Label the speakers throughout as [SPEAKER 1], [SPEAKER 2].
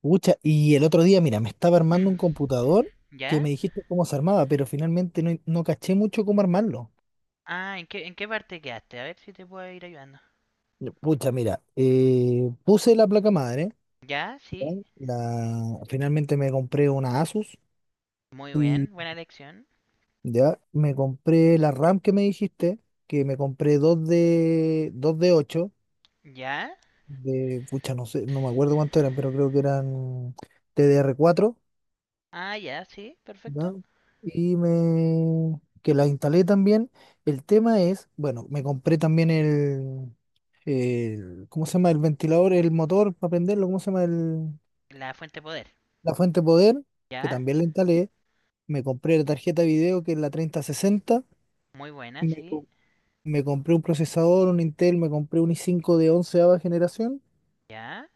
[SPEAKER 1] Pucha, y el otro día, mira, me estaba armando un computador que
[SPEAKER 2] ¿Ya?
[SPEAKER 1] me dijiste cómo se armaba, pero finalmente no caché mucho cómo armarlo.
[SPEAKER 2] Ah, en qué parte quedaste? A ver si te puedo ir ayudando.
[SPEAKER 1] Ya, pucha, mira, puse la placa madre,
[SPEAKER 2] ¿Ya?
[SPEAKER 1] ¿ya?
[SPEAKER 2] Sí.
[SPEAKER 1] Finalmente me compré una Asus
[SPEAKER 2] Muy
[SPEAKER 1] y
[SPEAKER 2] bien, buena elección.
[SPEAKER 1] ya me compré la RAM que me dijiste, que me compré dos de, 8
[SPEAKER 2] ¿Ya?
[SPEAKER 1] de, pucha, no sé, no me acuerdo cuánto eran, pero creo que eran tdr cuatro,
[SPEAKER 2] Ah, ya, sí,
[SPEAKER 1] ¿ya?
[SPEAKER 2] perfecto.
[SPEAKER 1] Y me que la instalé también. El tema es, bueno, me compré también el ¿cómo se llama? El ventilador, el motor para prenderlo, ¿cómo se llama? El,
[SPEAKER 2] La fuente de poder.
[SPEAKER 1] la fuente de poder, que
[SPEAKER 2] ¿Ya?
[SPEAKER 1] también la instalé. Me compré la tarjeta de video, que es la 3060.
[SPEAKER 2] Muy buena,
[SPEAKER 1] Me,
[SPEAKER 2] sí.
[SPEAKER 1] co- me compré un procesador, un Intel, me compré un i5 de onceava generación.
[SPEAKER 2] ¿Ya?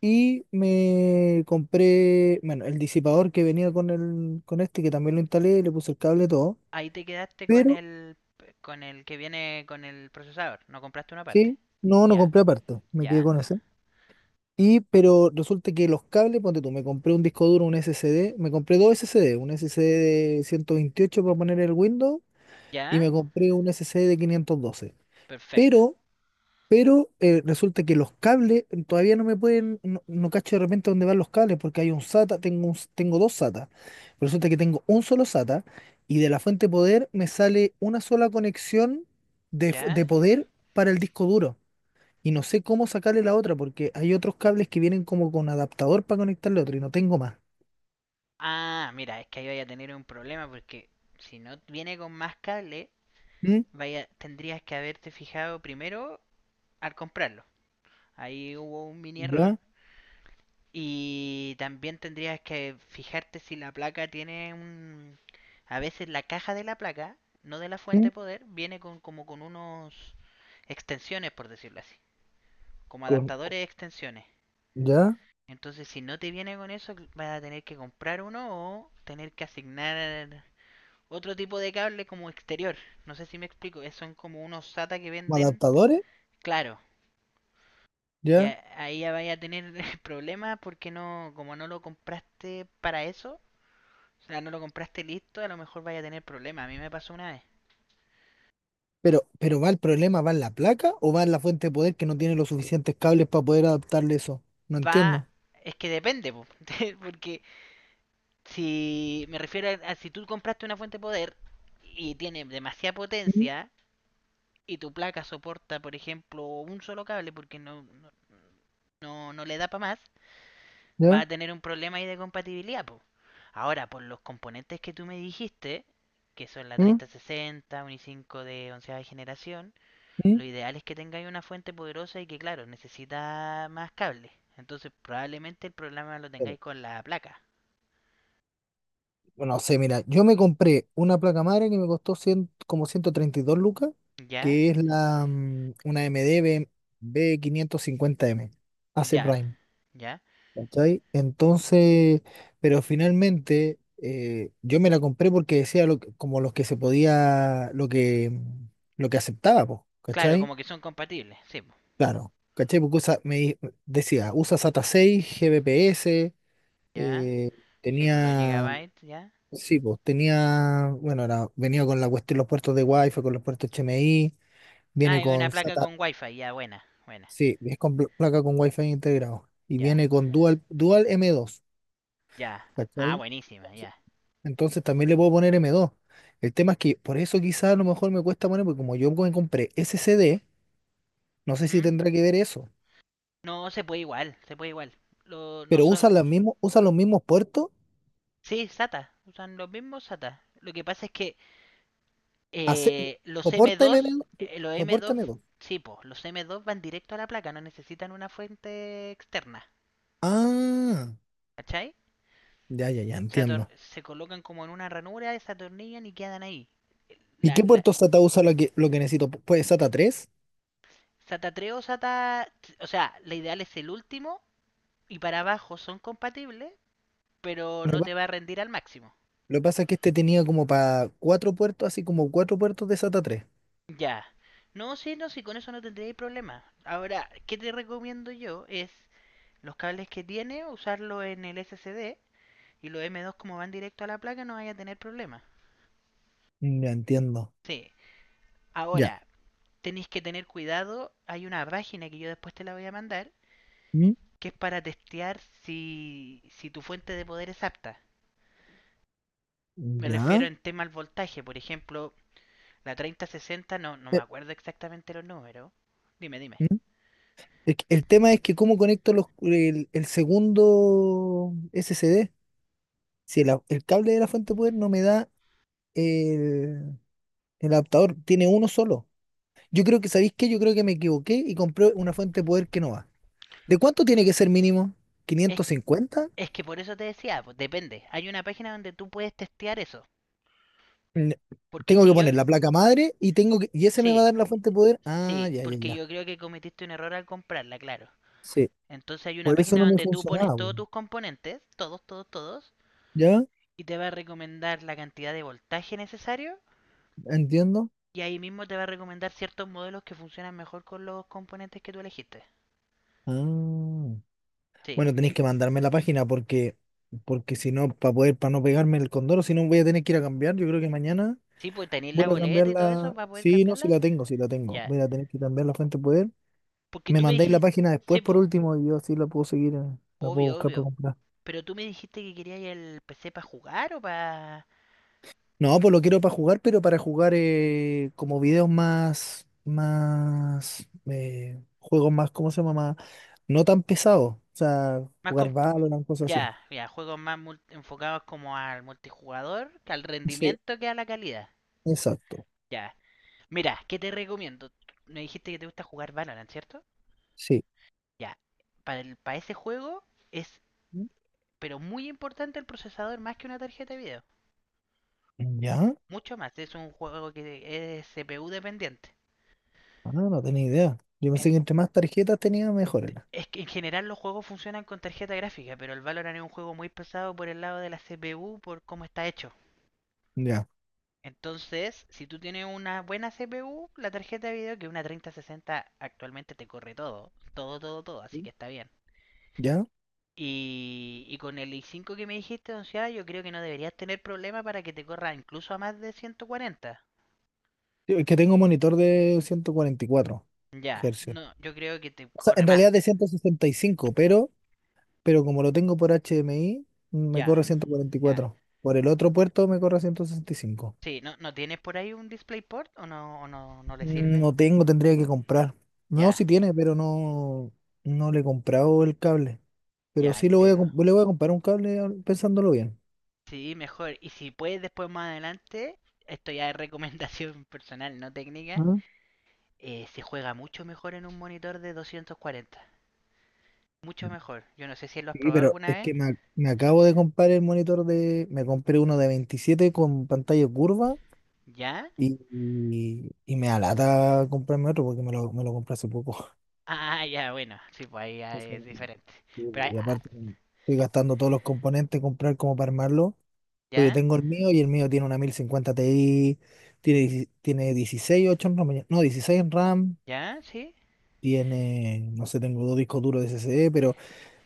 [SPEAKER 1] Y me compré, bueno, el disipador que venía con el, con este, que también lo instalé, le puse el cable y todo.
[SPEAKER 2] Ahí te quedaste con el que viene con el procesador. No compraste una parte.
[SPEAKER 1] Sí, no
[SPEAKER 2] Ya,
[SPEAKER 1] compré aparte, me quedé
[SPEAKER 2] ya,
[SPEAKER 1] con ese. Pero resulta que los cables, ponte tú, me compré un disco duro, un SSD, me compré dos SSD, un SSD de 128 para poner el Windows y
[SPEAKER 2] ya.
[SPEAKER 1] me compré un SSD de 512.
[SPEAKER 2] Perfecto.
[SPEAKER 1] Pero, pero, resulta que los cables todavía no me pueden, no cacho de repente dónde van los cables porque hay un SATA, tengo dos SATA. Resulta que tengo un solo SATA y de la fuente de poder me sale una sola conexión de
[SPEAKER 2] ¿Ya?
[SPEAKER 1] poder para el disco duro y no sé cómo sacarle la otra porque hay otros cables que vienen como con adaptador para conectarle otro y no tengo más.
[SPEAKER 2] Ah, mira, es que ahí vaya a tener un problema porque si no viene con más cable,
[SPEAKER 1] ¿Mm?
[SPEAKER 2] vaya, tendrías que haberte fijado primero al comprarlo. Ahí hubo un mini error.
[SPEAKER 1] ¿Ya?
[SPEAKER 2] Y también tendrías que fijarte si la placa tiene un... A veces la caja de la placa, no de la fuente
[SPEAKER 1] ¿Mm?
[SPEAKER 2] de poder, viene con como con unos extensiones, por decirlo así. Como
[SPEAKER 1] ¿Con, con-
[SPEAKER 2] adaptadores de extensiones.
[SPEAKER 1] ya?
[SPEAKER 2] Entonces si no te viene con eso, vas a tener que comprar uno o tener que asignar otro tipo de cable como exterior. No sé si me explico. Son como unos SATA que
[SPEAKER 1] ¿Como
[SPEAKER 2] venden,
[SPEAKER 1] adaptadores?
[SPEAKER 2] claro. Y
[SPEAKER 1] ¿Ya?
[SPEAKER 2] a- ahí ya vaya a tener problemas porque no, como no lo compraste para eso, o sea, no lo compraste listo, a lo mejor vaya a tener problemas. A mí me pasó una vez.
[SPEAKER 1] Pero va el problema, ¿va en la placa o va en la fuente de poder que no tiene los suficientes cables para poder adaptarle eso? No
[SPEAKER 2] Va,
[SPEAKER 1] entiendo.
[SPEAKER 2] es que depende, po, porque si me refiero a si tú compraste una fuente de poder y tiene demasiada
[SPEAKER 1] ¿Mm?
[SPEAKER 2] potencia y tu placa soporta, por ejemplo, un solo cable porque no le da para más, va
[SPEAKER 1] ¿Ya?
[SPEAKER 2] a tener un problema ahí de compatibilidad, po. Ahora, por los componentes que tú me dijiste, que son la
[SPEAKER 1] ¿Mm?
[SPEAKER 2] 3060, un i5 de onceava generación,
[SPEAKER 1] ¿Mm?
[SPEAKER 2] lo ideal es que tengáis una fuente poderosa y que, claro, necesita más cables. Entonces, probablemente el problema lo
[SPEAKER 1] Pero,
[SPEAKER 2] tengáis con la placa.
[SPEAKER 1] bueno, no sé, mira, yo me compré una placa madre que me costó 100 como 132 lucas,
[SPEAKER 2] ¿Ya?
[SPEAKER 1] que es la, una MD b quinientos cincuenta m AC
[SPEAKER 2] Ya,
[SPEAKER 1] Prime.
[SPEAKER 2] ya.
[SPEAKER 1] ¿Cachai? Entonces, pero finalmente yo me la compré porque decía como los que se podía, lo que aceptaba, po,
[SPEAKER 2] Claro,
[SPEAKER 1] ¿cachai?
[SPEAKER 2] como que son compatibles. Sí, po.
[SPEAKER 1] Claro, ¿cachai? Porque decía, usa SATA 6, GBPS,
[SPEAKER 2] Ya.
[SPEAKER 1] eh,
[SPEAKER 2] Sí, por los
[SPEAKER 1] tenía,
[SPEAKER 2] gigabytes, ya.
[SPEAKER 1] sí, pues tenía, bueno, venía con la cuestión, los puertos de Wi-Fi, con los puertos HMI,
[SPEAKER 2] Ah,
[SPEAKER 1] viene
[SPEAKER 2] y una
[SPEAKER 1] con
[SPEAKER 2] placa
[SPEAKER 1] SATA,
[SPEAKER 2] con wifi, ya, buena, buena.
[SPEAKER 1] sí, es con placa con Wi-Fi integrado y
[SPEAKER 2] Ya,
[SPEAKER 1] viene con Dual m dos,
[SPEAKER 2] ya. Ah,
[SPEAKER 1] ¿cachai?
[SPEAKER 2] buenísima, ya.
[SPEAKER 1] Entonces también le puedo poner m dos. El tema es que por eso quizás a lo mejor me cuesta poner, porque como yo me compré SSD, no sé si
[SPEAKER 2] Ujú.
[SPEAKER 1] tendrá que ver eso.
[SPEAKER 2] No, se puede igual, se puede igual. No
[SPEAKER 1] Pero
[SPEAKER 2] son...
[SPEAKER 1] usa los mismos puertos,
[SPEAKER 2] Sí, SATA, usan los mismos SATA. Lo que pasa es que
[SPEAKER 1] hace,
[SPEAKER 2] eh, los
[SPEAKER 1] soporta m
[SPEAKER 2] M2,
[SPEAKER 1] dos
[SPEAKER 2] eh, los
[SPEAKER 1] soporta
[SPEAKER 2] M2,
[SPEAKER 1] m dos
[SPEAKER 2] sí, po, los M2 van directo a la placa, no necesitan una fuente externa,
[SPEAKER 1] Ah,
[SPEAKER 2] ¿cachai?
[SPEAKER 1] ya, ya, ya,
[SPEAKER 2] Se,
[SPEAKER 1] entiendo.
[SPEAKER 2] se colocan como en una ranura, se atornillan y quedan ahí.
[SPEAKER 1] ¿Y
[SPEAKER 2] La,
[SPEAKER 1] qué
[SPEAKER 2] la,
[SPEAKER 1] puerto SATA usa lo que necesito? ¿Puede SATA tres?
[SPEAKER 2] SATA 3 o SATA, o sea, la ideal es el último y para abajo son compatibles, pero
[SPEAKER 1] Lo que
[SPEAKER 2] no
[SPEAKER 1] pa-
[SPEAKER 2] te va a rendir al máximo.
[SPEAKER 1] lo que pasa es que este tenía como para cuatro puertos, así como cuatro puertos de SATA tres.
[SPEAKER 2] Ya. No, sí, no, sí, con eso no tendréis problema. Ahora, ¿qué te recomiendo yo? Es los cables que tiene, usarlo en el SSD, y los M2 como van directo a la placa no vaya a tener problema.
[SPEAKER 1] Ya entiendo.
[SPEAKER 2] Sí.
[SPEAKER 1] Ya.
[SPEAKER 2] Ahora, tenéis que tener cuidado, hay una página que yo después te la voy a mandar,
[SPEAKER 1] ¿Mm?
[SPEAKER 2] que es para testear si tu fuente de poder es apta. Me
[SPEAKER 1] ¿Ya?
[SPEAKER 2] refiero en tema al voltaje, por ejemplo, la 3060, no me
[SPEAKER 1] Eh,
[SPEAKER 2] acuerdo exactamente los números. Dime, dime.
[SPEAKER 1] ¿Mm? El tema es que cómo conecto el segundo SSD. Si el cable de la fuente de poder no me da el, el, adaptador, tiene uno solo. Yo creo que, ¿sabéis qué? Yo creo que me equivoqué y compré una fuente de poder que no va. ¿De cuánto tiene que ser mínimo?
[SPEAKER 2] Es
[SPEAKER 1] ¿550?
[SPEAKER 2] Es que por eso te decía, pues, depende. Hay una página donde tú puedes testear eso.
[SPEAKER 1] N-
[SPEAKER 2] Porque
[SPEAKER 1] Tengo
[SPEAKER 2] si
[SPEAKER 1] que
[SPEAKER 2] yo,
[SPEAKER 1] poner la placa madre y tengo que, y ese me va a
[SPEAKER 2] sí,
[SPEAKER 1] dar la fuente de poder. Ah,
[SPEAKER 2] sí,
[SPEAKER 1] ya, ya,
[SPEAKER 2] porque
[SPEAKER 1] ya.
[SPEAKER 2] yo creo que cometiste un error al comprarla, claro.
[SPEAKER 1] Sí.
[SPEAKER 2] Entonces hay una
[SPEAKER 1] Por eso
[SPEAKER 2] página
[SPEAKER 1] no me
[SPEAKER 2] donde tú pones
[SPEAKER 1] funcionaba,
[SPEAKER 2] todos
[SPEAKER 1] weón.
[SPEAKER 2] tus componentes, todos, todos, todos,
[SPEAKER 1] ¿Ya?
[SPEAKER 2] y te va a recomendar la cantidad de voltaje necesario.
[SPEAKER 1] Entiendo.
[SPEAKER 2] Y ahí mismo te va a recomendar ciertos modelos que funcionan mejor con los componentes que tú elegiste.
[SPEAKER 1] Ah.
[SPEAKER 2] Sí,
[SPEAKER 1] Bueno, tenéis que mandarme la página porque si no, para poder, para no pegarme el condoro, si no voy a tener que ir a cambiar. Yo creo que mañana
[SPEAKER 2] sí, pues tenéis la
[SPEAKER 1] voy a cambiar
[SPEAKER 2] boleta y todo eso
[SPEAKER 1] la.
[SPEAKER 2] para poder
[SPEAKER 1] Sí, no, si
[SPEAKER 2] cambiarla.
[SPEAKER 1] la tengo, si la tengo.
[SPEAKER 2] Ya.
[SPEAKER 1] Voy a tener que cambiar la fuente de poder.
[SPEAKER 2] Porque
[SPEAKER 1] Me
[SPEAKER 2] tú me
[SPEAKER 1] mandáis la
[SPEAKER 2] dijiste,
[SPEAKER 1] página
[SPEAKER 2] sí,
[SPEAKER 1] después por
[SPEAKER 2] pues,
[SPEAKER 1] último y yo así la puedo seguir, la puedo
[SPEAKER 2] obvio,
[SPEAKER 1] buscar para
[SPEAKER 2] obvio.
[SPEAKER 1] comprar.
[SPEAKER 2] Pero tú me dijiste que querías el PC para jugar o para...
[SPEAKER 1] No, pues lo quiero para jugar, pero para jugar como videos más, juegos más, ¿cómo se llama? No tan pesados. O sea,
[SPEAKER 2] Más
[SPEAKER 1] jugar
[SPEAKER 2] com-
[SPEAKER 1] Valorant, cosas así.
[SPEAKER 2] Ya, ya, juegos más enfocados como al multijugador, que al
[SPEAKER 1] Sí,
[SPEAKER 2] rendimiento, que a la calidad.
[SPEAKER 1] exacto.
[SPEAKER 2] Ya. Mira, ¿qué te recomiendo? Me dijiste que te gusta jugar Valorant, ¿cierto?
[SPEAKER 1] Sí.
[SPEAKER 2] Ya. Para ese juego es, pero muy importante, el procesador más que una tarjeta de video.
[SPEAKER 1] ¿Ya?
[SPEAKER 2] Mucho más. Es un juego que es CPU dependiente.
[SPEAKER 1] Ah, no tenía idea. Yo pensé
[SPEAKER 2] En-
[SPEAKER 1] que entre más tarjetas tenía, mejor era.
[SPEAKER 2] es que en general los juegos funcionan con tarjeta gráfica, pero el Valorant es un juego muy pesado por el lado de la CPU, por cómo está hecho.
[SPEAKER 1] Ya,
[SPEAKER 2] Entonces, si tú tienes una buena CPU, la tarjeta de video, que una 3060 actualmente te corre todo, todo, todo, todo, así
[SPEAKER 1] ¿sí?
[SPEAKER 2] que está bien.
[SPEAKER 1] Ya.
[SPEAKER 2] Y con el i5 que me dijiste, onceada, yo creo que no deberías tener problema para que te corra incluso a más de 140.
[SPEAKER 1] Sí, es que tengo un monitor de ciento cuarenta y cuatro
[SPEAKER 2] Ya,
[SPEAKER 1] Hz.
[SPEAKER 2] no, yo creo que te
[SPEAKER 1] O sea,
[SPEAKER 2] corre
[SPEAKER 1] en
[SPEAKER 2] más.
[SPEAKER 1] realidad de 165, pero como lo tengo por HDMI, me
[SPEAKER 2] Ya,
[SPEAKER 1] corre ciento cuarenta y
[SPEAKER 2] ya.
[SPEAKER 1] cuatro Por el otro puerto me corre 165.
[SPEAKER 2] Sí, no tienes por ahí un DisplayPort o o no, no le
[SPEAKER 1] Mm,
[SPEAKER 2] sirve?
[SPEAKER 1] no tengo, tendría que comprar. No,
[SPEAKER 2] Ya,
[SPEAKER 1] sí tiene, pero no le he comprado el cable. Pero
[SPEAKER 2] ya,
[SPEAKER 1] sí lo
[SPEAKER 2] entiendo.
[SPEAKER 1] le voy a comprar un cable pensándolo bien.
[SPEAKER 2] Sí, mejor. Y si puedes después más adelante, esto ya es recomendación personal, no técnica,
[SPEAKER 1] Ah.
[SPEAKER 2] se juega mucho mejor en un monitor de 240. Mucho mejor. Yo no sé si lo has
[SPEAKER 1] Sí,
[SPEAKER 2] probado
[SPEAKER 1] pero
[SPEAKER 2] alguna
[SPEAKER 1] es que
[SPEAKER 2] vez.
[SPEAKER 1] me acabo de comprar el monitor de. Me compré uno de 27 con pantalla curva
[SPEAKER 2] ¿Ya?
[SPEAKER 1] y me alata comprarme otro porque me lo compré hace poco.
[SPEAKER 2] Ah, ya, bueno. Sí, pues ahí ya es
[SPEAKER 1] Entonces,
[SPEAKER 2] diferente.
[SPEAKER 1] sí.
[SPEAKER 2] Pero ahí-
[SPEAKER 1] Y aparte estoy gastando todos los componentes, comprar como para armarlo. Pues yo
[SPEAKER 2] ¿ya?
[SPEAKER 1] tengo el mío y el mío tiene una 1050 Ti, tiene, 16 tiene 16 8 en RAM, no, 16 en RAM,
[SPEAKER 2] ¿Ya? ¿Sí?
[SPEAKER 1] tiene, no sé, tengo dos discos duros de SSD, pero.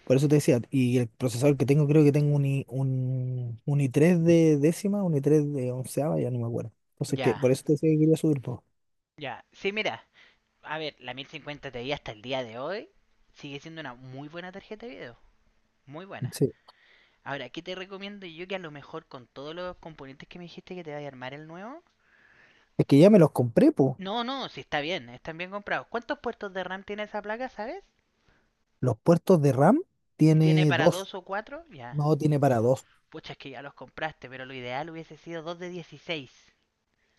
[SPEAKER 1] Por eso te decía, y el procesador que tengo, creo que tengo un i3 de décima, un i3 de onceava, ya no me acuerdo. Entonces, que
[SPEAKER 2] Ya.
[SPEAKER 1] por eso te decía que quería subir todo.
[SPEAKER 2] Ya. Sí, mira. A ver, la 1050 Ti hasta el día de hoy sigue siendo una muy buena tarjeta de video. Muy buena.
[SPEAKER 1] Sí.
[SPEAKER 2] Ahora, ¿qué te recomiendo yo que a lo mejor con todos los componentes que me dijiste que te vaya a armar el nuevo?
[SPEAKER 1] Es que ya me los compré, po.
[SPEAKER 2] No, no, sí está bien, están bien comprados. ¿Cuántos puertos de RAM tiene esa placa, sabes?
[SPEAKER 1] Los puertos de RAM
[SPEAKER 2] ¿Que tiene
[SPEAKER 1] tiene
[SPEAKER 2] para
[SPEAKER 1] dos,
[SPEAKER 2] dos o cuatro? Ya.
[SPEAKER 1] no tiene para dos.
[SPEAKER 2] Pucha, es que ya los compraste, pero lo ideal hubiese sido 2 de 16.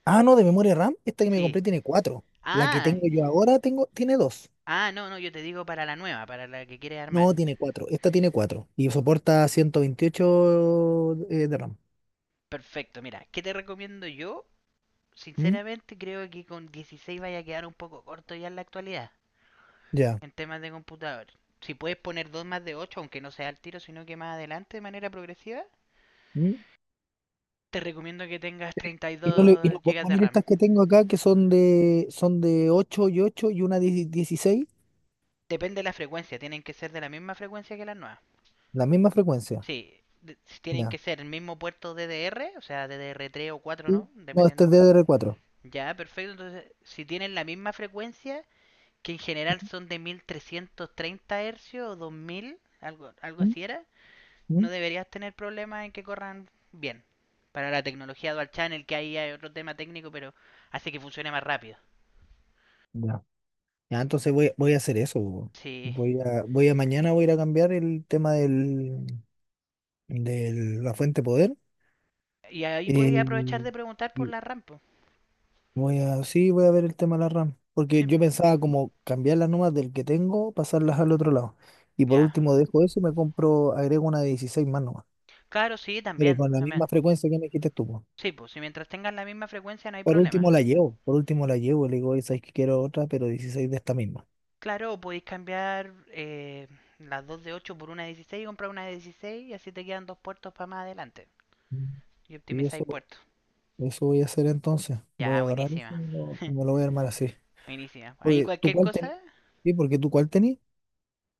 [SPEAKER 1] Ah, no, de memoria RAM, esta que me
[SPEAKER 2] Sí.
[SPEAKER 1] compré tiene cuatro. La que
[SPEAKER 2] Ah,
[SPEAKER 1] tengo yo ahora tiene dos.
[SPEAKER 2] no, no, yo te digo para la nueva, para la que quieres armar.
[SPEAKER 1] No, tiene cuatro. Esta tiene cuatro. Y soporta 128 de RAM.
[SPEAKER 2] Perfecto, mira, ¿qué te recomiendo yo?
[SPEAKER 1] ¿Mm?
[SPEAKER 2] Sinceramente creo que con 16 vaya a quedar un poco corto ya en la actualidad,
[SPEAKER 1] Ya.
[SPEAKER 2] en temas de computador. Si puedes poner 2 más de 8, aunque no sea al tiro, sino que más adelante de manera progresiva,
[SPEAKER 1] ¿Mm?
[SPEAKER 2] te recomiendo que tengas
[SPEAKER 1] Y no
[SPEAKER 2] 32
[SPEAKER 1] puedo
[SPEAKER 2] gigas de
[SPEAKER 1] poner
[SPEAKER 2] RAM.
[SPEAKER 1] estas que tengo acá, que son de 8 y 8 y una 10 16,
[SPEAKER 2] Depende de la frecuencia, tienen que ser de la misma frecuencia que las nuevas.
[SPEAKER 1] la misma frecuencia.
[SPEAKER 2] Sí, si tienen que
[SPEAKER 1] Ya.
[SPEAKER 2] ser el mismo puerto DDR, o sea, ddr tres o 4,
[SPEAKER 1] ¿Sí?
[SPEAKER 2] ¿no?
[SPEAKER 1] No, este es
[SPEAKER 2] Dependiendo de...
[SPEAKER 1] ddr cuatro.
[SPEAKER 2] Ya, perfecto. Entonces, si tienen la misma frecuencia, que en general son de 1330 Hz o 2000, algo
[SPEAKER 1] Mm,
[SPEAKER 2] así era, no
[SPEAKER 1] mm.
[SPEAKER 2] deberías tener problemas en que corran bien. Para la tecnología Dual Channel, que ahí hay otro tema técnico, pero hace que funcione más rápido.
[SPEAKER 1] Ya. Ya, entonces voy a hacer eso, po.
[SPEAKER 2] Sí.
[SPEAKER 1] Voy a, voy a mañana voy a ir a cambiar el tema de la fuente de poder.
[SPEAKER 2] Y ahí
[SPEAKER 1] eh,
[SPEAKER 2] podía aprovechar de preguntar por
[SPEAKER 1] y
[SPEAKER 2] la RAM, po.
[SPEAKER 1] voy a, sí, voy a ver el tema de la RAM. Porque
[SPEAKER 2] Sí,
[SPEAKER 1] yo
[SPEAKER 2] pues.
[SPEAKER 1] pensaba como cambiar las nomás del que tengo, pasarlas al otro lado. Y por
[SPEAKER 2] Ya.
[SPEAKER 1] último dejo eso, me compro, agrego una de 16 más
[SPEAKER 2] Claro, sí,
[SPEAKER 1] pero
[SPEAKER 2] también,
[SPEAKER 1] con la
[SPEAKER 2] también.
[SPEAKER 1] misma frecuencia que me quites tú, po.
[SPEAKER 2] Sí, pues si mientras tengan la misma frecuencia no hay
[SPEAKER 1] Por
[SPEAKER 2] problema.
[SPEAKER 1] último la llevo, por último la llevo, le digo, oye, sabes que quiero otra, pero dieciséis de esta misma.
[SPEAKER 2] Claro, o podéis cambiar las 2 de 8 por una de 16, y comprar una de 16, y así te quedan dos puertos para más adelante.
[SPEAKER 1] Mm.
[SPEAKER 2] Y
[SPEAKER 1] Y
[SPEAKER 2] optimizáis
[SPEAKER 1] eso,
[SPEAKER 2] puertos.
[SPEAKER 1] eso voy a hacer entonces. Voy
[SPEAKER 2] Ya,
[SPEAKER 1] a agarrar eso y
[SPEAKER 2] buenísima.
[SPEAKER 1] y me lo voy a armar así.
[SPEAKER 2] Buenísima. Ahí
[SPEAKER 1] Porque ¿tú
[SPEAKER 2] cualquier
[SPEAKER 1] cuál tenés?
[SPEAKER 2] cosa.
[SPEAKER 1] Sí, porque tú cuál tenés.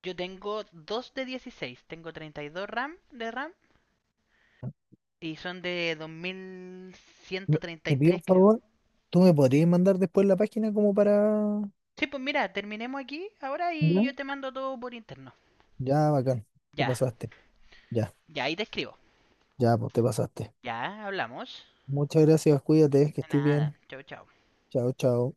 [SPEAKER 2] Yo tengo 2 de 16. Tengo 32 RAM de RAM, y son de dos mil ciento
[SPEAKER 1] Me-
[SPEAKER 2] treinta
[SPEAKER 1] Te
[SPEAKER 2] y
[SPEAKER 1] pido
[SPEAKER 2] tres,
[SPEAKER 1] un
[SPEAKER 2] creo.
[SPEAKER 1] favor, ¿tú me podrías mandar después la página como para?
[SPEAKER 2] Sí, pues mira, terminemos aquí ahora y
[SPEAKER 1] ¿Ya?
[SPEAKER 2] yo te mando todo por interno.
[SPEAKER 1] Ya, bacán. Te
[SPEAKER 2] Ya,
[SPEAKER 1] pasaste. Ya,
[SPEAKER 2] ya ahí te escribo.
[SPEAKER 1] ya, pues te pasaste.
[SPEAKER 2] Ya, hablamos.
[SPEAKER 1] Muchas gracias, cuídate, que estés
[SPEAKER 2] Nada.
[SPEAKER 1] bien.
[SPEAKER 2] Chao, chao.
[SPEAKER 1] Chao, chao.